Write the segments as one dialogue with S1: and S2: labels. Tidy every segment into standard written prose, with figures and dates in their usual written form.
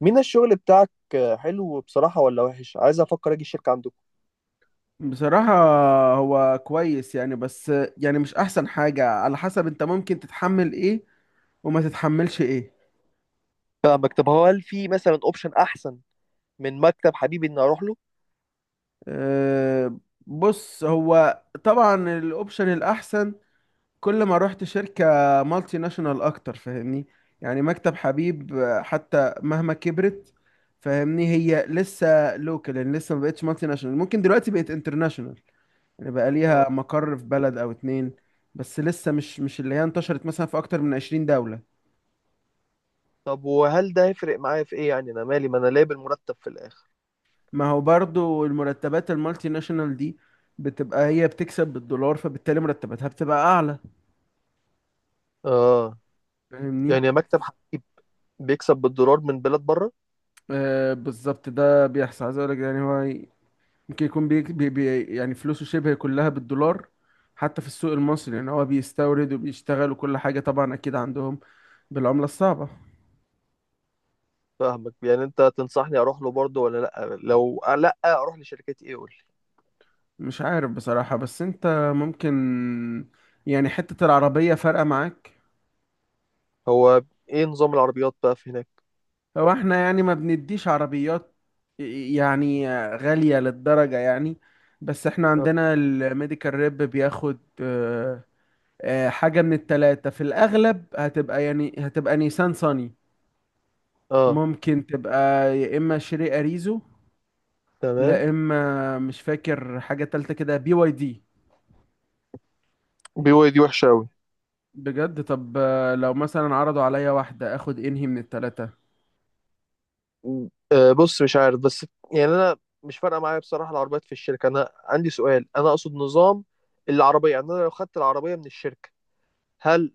S1: مين الشغل بتاعك؟ حلو بصراحة ولا وحش؟ عايز افكر اجي الشركة عندكم.
S2: بصراحة هو كويس يعني بس يعني مش أحسن حاجة على حسب أنت ممكن تتحمل إيه وما تتحملش إيه.
S1: فاهمك. طب هو، هل في مثلا اوبشن احسن من مكتب حبيبي اني اروح له؟
S2: أه بص، هو طبعا الأوبشن الأحسن. كل ما رحت شركة مالتي ناشونال أكتر فاهمني. يعني مكتب حبيب حتى مهما كبرت فاهمني، هي لسه لوكال. يعني لسه ما بقتش مالتي ناشونال، ممكن دلوقتي بقت انترناشونال، يعني بقى ليها
S1: اه.
S2: مقر في بلد أو اتنين. بس لسه مش اللي هي انتشرت مثلا في أكتر من 20 دولة.
S1: طب وهل ده هيفرق معايا في ايه؟ يعني انا مالي، ما انا لاقي بالمرتب في الاخر.
S2: ما هو برضو المرتبات المالتي ناشونال دي بتبقى هي بتكسب بالدولار، فبالتالي مرتباتها بتبقى اعلى.
S1: اه.
S2: فاهمني.
S1: يعني مكتب حبيب بيكسب بالدولار من بلاد بره؟
S2: آه بالظبط ده بيحصل. عايز اقول لك، يعني هو ممكن يكون بي بي بي، يعني فلوسه شبه كلها بالدولار، حتى في السوق المصري. يعني هو بيستورد وبيشتغل وكل حاجة، طبعا اكيد عندهم بالعملة الصعبة.
S1: فاهمك. يعني انت تنصحني اروح له برضه ولا لا؟ لو لا اروح لشركة ايه قول لي.
S2: مش عارف بصراحة، بس انت ممكن، يعني حتة العربية فارقة معاك.
S1: هو ايه نظام العربيات بقى في هناك؟
S2: هو احنا يعني ما بنديش عربيات، يعني غالية للدرجة يعني. بس احنا
S1: اه،
S2: عندنا الميديكال ريب بياخد حاجة من التلاتة. في الأغلب هتبقى، يعني هتبقى نيسان صني.
S1: آه.
S2: ممكن تبقى يا إما شيري أريزو، لا
S1: تمام.
S2: إما مش فاكر حاجة تالتة كده، بي واي دي.
S1: بي واي دي وحشة أوي.
S2: بجد؟ طب لو مثلا عرضوا عليا واحدة اخد انهي من التلاتة؟
S1: بص، مش عارف. بس يعني انا مش فارقه معايا بصراحه العربيات في الشركه، انا عندي سؤال، انا اقصد نظام العربيه. يعني انا لو خدت العربيه من الشركه، هل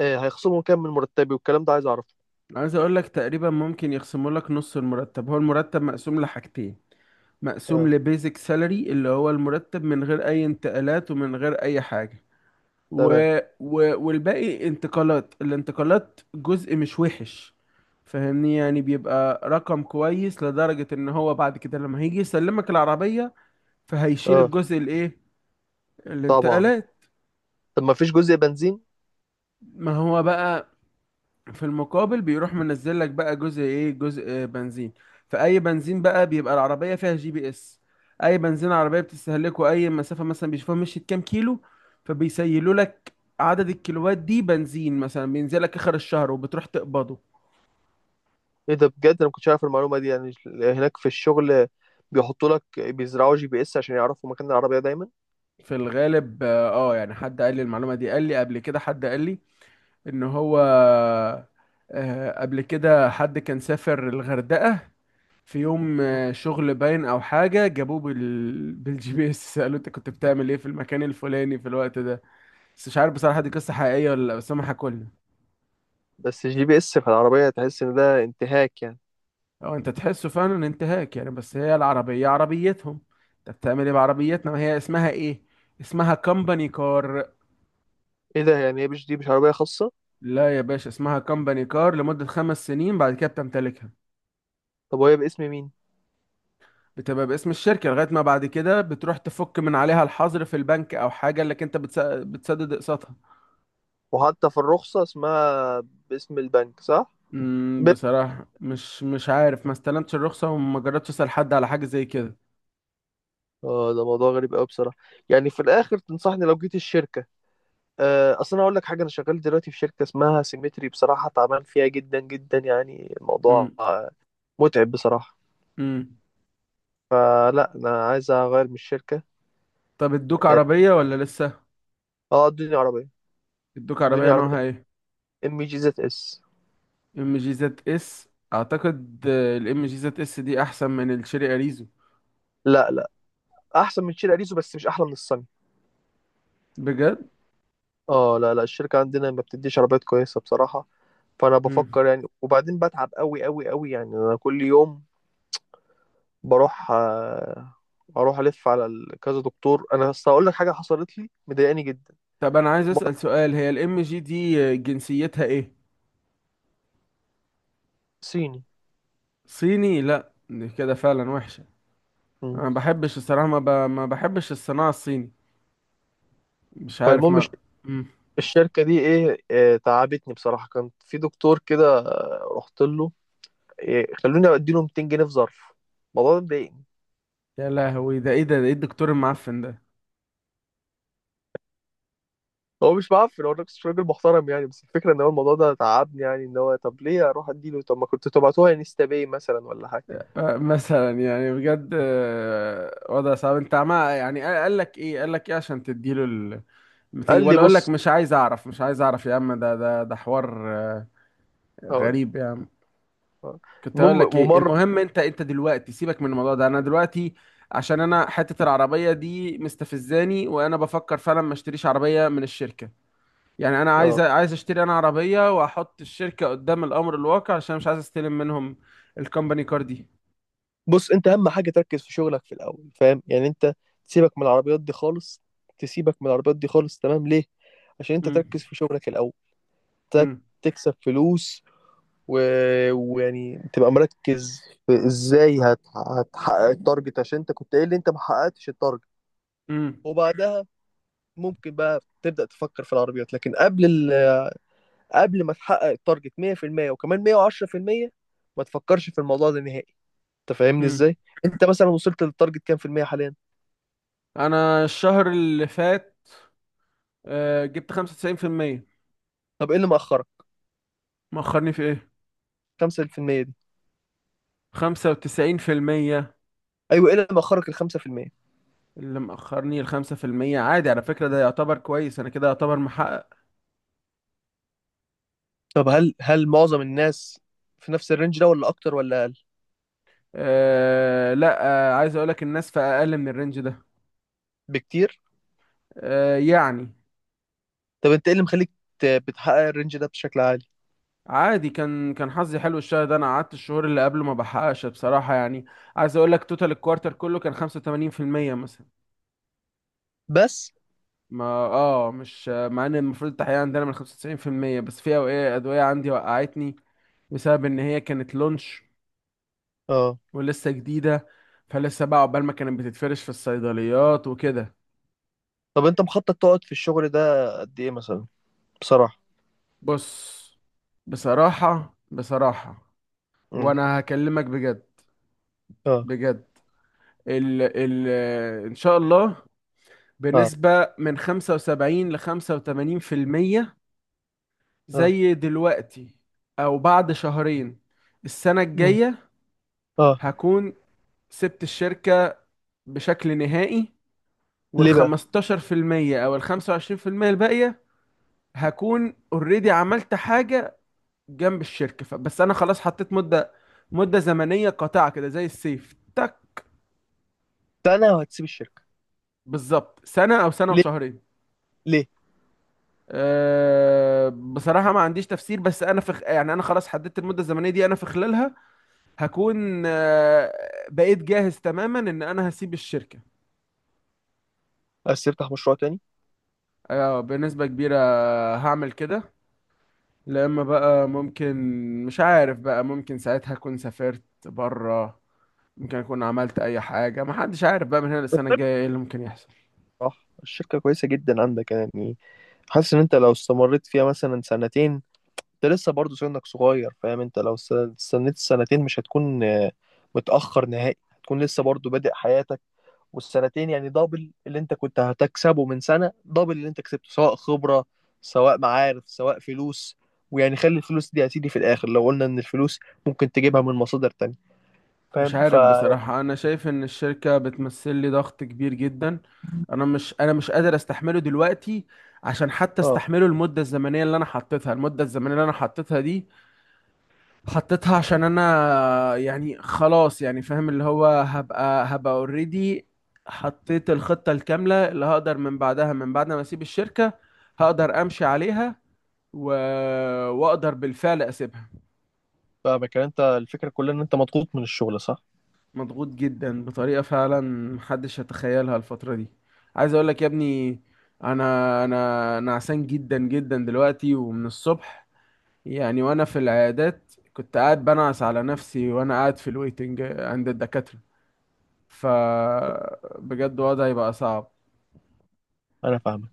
S1: هيخصموا كام من مرتبي والكلام ده عايز اعرفه؟
S2: عايز اقول لك، تقريبا ممكن يخصموا لك نص المرتب. هو المرتب مقسوم لحاجتين: مقسوم
S1: اه.
S2: لبيزك سالري اللي هو المرتب من غير اي انتقالات ومن غير اي حاجة،
S1: تمام.
S2: و... والباقي انتقالات. الانتقالات جزء مش وحش، فاهمني، يعني بيبقى رقم كويس لدرجة ان هو بعد كده لما هيجي يسلمك العربية فهيشيل
S1: اه،
S2: الجزء الايه،
S1: طبعا.
S2: الانتقالات.
S1: طب ما فيش جزء بنزين؟
S2: ما هو بقى في المقابل بيروح منزل لك بقى جزء ايه، جزء بنزين. فاي بنزين بقى، بيبقى العربيه فيها جي بي اس. اي بنزين عربيه بتستهلكه، اي مسافه مثلا بيشوفوها مشيت كام كيلو فبيسيلوا لك عدد الكيلوات دي بنزين، مثلا بينزل لك اخر الشهر وبتروح تقبضه.
S1: ايه ده بجد، انا ما كنتش عارف المعلومه دي. يعني هناك في الشغل بيحطوا لك، بيزرعوا جي بي اس عشان يعرفوا مكان العربيه دايما؟
S2: في الغالب اه، يعني حد قال لي المعلومه دي، قال لي قبل كده، حد قال لي ان هو قبل كده حد كان سافر الغردقة في يوم شغل باين او حاجة، جابوه بالجي بي اس سألوه انت كنت بتعمل ايه في المكان الفلاني في الوقت ده. بس مش عارف بصراحة دي قصة حقيقية ولا لا، بس هم حكوا لنا.
S1: بس جي بي اس في العربيه تحس ان ده انتهاك يعني.
S2: اه انت تحسه فعلا انتهاك يعني، بس هي العربية عربيتهم. انت بتعمل ايه بعربيتنا؟ هي اسمها ايه؟ اسمها كمباني كار.
S1: ايه ده؟ يعني هي مش، دي مش عربيه خاصه؟
S2: لا يا باشا، اسمها كمباني كار لمدة خمس سنين، بعد كده بتمتلكها.
S1: طب وهي باسم مين؟
S2: بتبقى باسم الشركة لغاية ما بعد كده بتروح تفك من عليها الحظر في البنك أو حاجة، اللي انت بتسدد اقساطها.
S1: وحتى في الرخصة اسمها باسم البنك صح؟ ب...
S2: بصراحة مش عارف، ما استلمتش الرخصة وما جربتش أسأل حد على حاجة زي كده.
S1: اه، ده موضوع غريب قوي بصراحة. يعني في الآخر تنصحني لو جيت الشركة؟ أصل أنا أقول لك حاجة، أنا شغال دلوقتي في شركة اسمها سيمتري، بصراحة تعبان فيها جدا جدا. يعني الموضوع
S2: امم
S1: متعب بصراحة.
S2: امم
S1: فلا، أنا عايز أغير من الشركة.
S2: طب ادوك
S1: اه.
S2: عربية ولا لسه؟
S1: آه، ادوني عربية
S2: ادوك
S1: ادوني
S2: عربية
S1: عربية
S2: نوعها ايه؟
S1: ام جي زد اس.
S2: ام جي زد اس؟ اعتقد الام جي زد اس دي احسن من الشيري اريزو.
S1: لا لا، أحسن من شير أريزو، بس مش أحلى من الصني.
S2: بجد؟
S1: اه لا لا، الشركة عندنا ما بتديش عربيات كويسة بصراحة. فانا
S2: امم
S1: بفكر يعني، وبعدين بتعب قوي قوي قوي. يعني انا كل يوم بروح، اروح الف على كذا دكتور. انا بس هقول لك حاجه حصلت لي مضايقاني جدا.
S2: طب انا عايز
S1: مرض
S2: أسأل سؤال، هي الام جي دي جنسيتها ايه؟
S1: صيني.
S2: صيني؟ لا دي كده فعلا وحشة. انا
S1: مم.
S2: ما بحبش الصراحه، ما بحبش الصناعه الصيني. مش عارف
S1: فالمهم
S2: ما. مم.
S1: الشركه دي ايه، تعبتني بصراحه. كان في دكتور كده، رحت له. إيه، خلوني اديله 200 جنيه في ظرف. الموضوع ده مضايقني.
S2: يا لهوي ده ايه؟ ده ايه الدكتور المعفن ده؟
S1: هو مش معفن، هو نفس راجل محترم يعني. بس الفكره ان هو الموضوع ده تعبني. يعني ان هو، طب ليه اروح اديله؟ طب ما كنت تبعتوها انستا باي مثلا ولا حاجه.
S2: مثلا يعني بجد وضع صعب. انت عمال يعني قال لك ايه، قال لك ايه عشان تديله ال
S1: قال لي
S2: ولا اقول
S1: بص،
S2: لك مش عايز اعرف، مش عايز اعرف يا عم، ده حوار
S1: هقول لك.
S2: غريب يا عم.
S1: آه.
S2: كنت اقول
S1: المهم،
S2: لك ايه،
S1: ومره.
S2: المهم انت انت دلوقتي سيبك من الموضوع ده، انا دلوقتي عشان انا حتة العربية دي مستفزاني، وانا بفكر فعلا ما اشتريش عربية من الشركة. يعني انا عايز،
S1: اه،
S2: عايز اشتري انا عربيه واحط الشركه قدام الامر الواقع، عشان مش عايز استلم منهم الكومباني كار دي.
S1: بص، انت اهم حاجه تركز في شغلك في الاول، فاهم؟ يعني انت تسيبك من العربيات دي خالص. تسيبك من العربيات دي خالص، تمام؟ ليه؟ عشان انت
S2: امم
S1: تركز في شغلك الاول. تك-
S2: امم
S1: تكسب فلوس و... ويعني تبقى مركز. في ازاي هتحقق التارجت، عشان انت كنت قايل لي انت ما حققتش التارجت.
S2: امم
S1: وبعدها ممكن بقى تبدأ تفكر في العربيات، لكن قبل قبل ما تحقق التارجت 100% وكمان 110%، ما تفكرش في الموضوع ده نهائي. انت فاهمني
S2: امم
S1: ازاي؟ انت مثلا وصلت للتارجت كام في المية حاليا؟
S2: انا الشهر اللي فات جبت 95%.
S1: طب ايه اللي مأخرك؟
S2: مأخرني في ايه؟
S1: 5% دي؟
S2: 95%؟
S1: ايوه، ايه اللي مأخرك ال 5%؟
S2: اللي مأخرني ال 5%؟ عادي على فكرة، ده يعتبر كويس، انا كده يعتبر محقق.
S1: طب، هل معظم الناس في نفس الرينج ده ولا اكتر ولا اقل
S2: أه لا، عايز اقولك الناس في اقل من الرينج ده.
S1: بكتير؟
S2: أه يعني
S1: طب انت ايه اللي مخليك بتحقق الرينج ده بشكل عالي؟
S2: عادي، كان كان حظي حلو الشهر ده. انا قعدت الشهور اللي قبله ما بحققش بصراحه، يعني عايز اقول لك توتال الكوارتر كله كان 85% مثلا.
S1: بس.
S2: ما اه، مش مع ان المفروض التحقيق عندنا من 95%، بس في اوقات ادويه عندي وقعتني بسبب ان هي كانت لونش
S1: اه.
S2: ولسه جديده، فلسه بقى عقبال ما كانت بتتفرش في الصيدليات وكده.
S1: طب انت مخطط تقعد في الشغل ده قد ايه مثلا، بصراحة؟
S2: بص بصراحه بصراحه،
S1: امم.
S2: وانا هكلمك بجد
S1: اه.
S2: بجد، ال ال ان شاء الله
S1: اه.
S2: بنسبة من 75 ل 85%،
S1: اه.
S2: زي دلوقتي أو بعد شهرين، السنة
S1: امم.
S2: الجاية
S1: اه.
S2: هكون سبت الشركة بشكل نهائي. وال
S1: ليه بقى؟
S2: 15% أو ال 25% الباقية هكون اوريدي عملت حاجة جنب الشركة بس أنا خلاص حطيت مدة، مدة زمنية قاطعة كده زي السيف تك.
S1: سنة وهتسيب الشركة؟
S2: بالظبط سنة أو سنة
S1: ليه؟
S2: وشهرين.
S1: ليه؟
S2: أه بصراحة ما عنديش تفسير، بس أنا يعني أنا خلاص حددت المدة الزمنية دي، أنا في خلالها هكون بقيت جاهز تماما ان انا هسيب الشركة.
S1: عايز تفتح مشروع تاني؟
S2: بنسبة كبيرة هعمل كده. لا اما بقى ممكن، مش عارف بقى، ممكن ساعتها اكون سافرت بره، ممكن اكون عملت اي حاجة. ما حدش عارف بقى من هنا للسنة الجاية ايه اللي ممكن يحصل.
S1: صح، الشركة كويسة جدا عندك يعني. حاسس ان انت لو استمريت فيها مثلا سنتين، انت لسه برضه سنك صغير، فاهم؟ انت لو استنيت السنتين مش هتكون متأخر نهائي. هتكون لسه برضه بادئ حياتك. والسنتين يعني دبل اللي انت كنت هتكسبه من سنة، دبل اللي انت كسبته، سواء خبرة سواء معارف سواء فلوس. ويعني خلي الفلوس دي هتيجي في الآخر، لو قلنا ان الفلوس ممكن تجيبها من مصادر تانية،
S2: مش
S1: فاهم؟
S2: عارف بصراحة، انا شايف ان الشركة بتمثل لي ضغط كبير جدا. انا مش، انا مش قادر استحمله دلوقتي. عشان حتى
S1: اه.
S2: استحمله المدة الزمنية اللي انا حطيتها، المدة الزمنية اللي انا حطيتها دي حطيتها عشان انا يعني خلاص، يعني فاهم اللي هو، هبقى اوريدي حطيت الخطة الكاملة اللي هقدر من بعدها، من بعد ما اسيب الشركة هقدر امشي عليها و... واقدر بالفعل اسيبها.
S1: فاهمك. يعني انت الفكرة كلها ان انت مضغوط من الشغل، صح؟
S2: مضغوط جدا بطريقة فعلا محدش يتخيلها الفترة دي. عايز اقول لك يا ابني، انا انا نعسان جدا جدا دلوقتي ومن الصبح. يعني وانا في العيادات كنت قاعد بنعس على نفسي وانا قاعد في الويتنج عند الدكاترة، فبجد وضعي بقى صعب.
S1: انا فاهمك.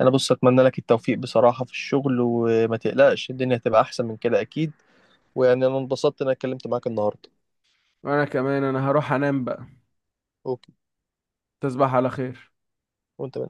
S1: انا بص، اتمنى لك التوفيق بصراحة في الشغل، وما تقلقش، الدنيا هتبقى احسن من كده اكيد. ويعني انا انبسطت ان انا اتكلمت معاك النهارده.
S2: وانا كمان انا هروح انام بقى.
S1: اوكي.
S2: تصبح على خير.
S1: وانت من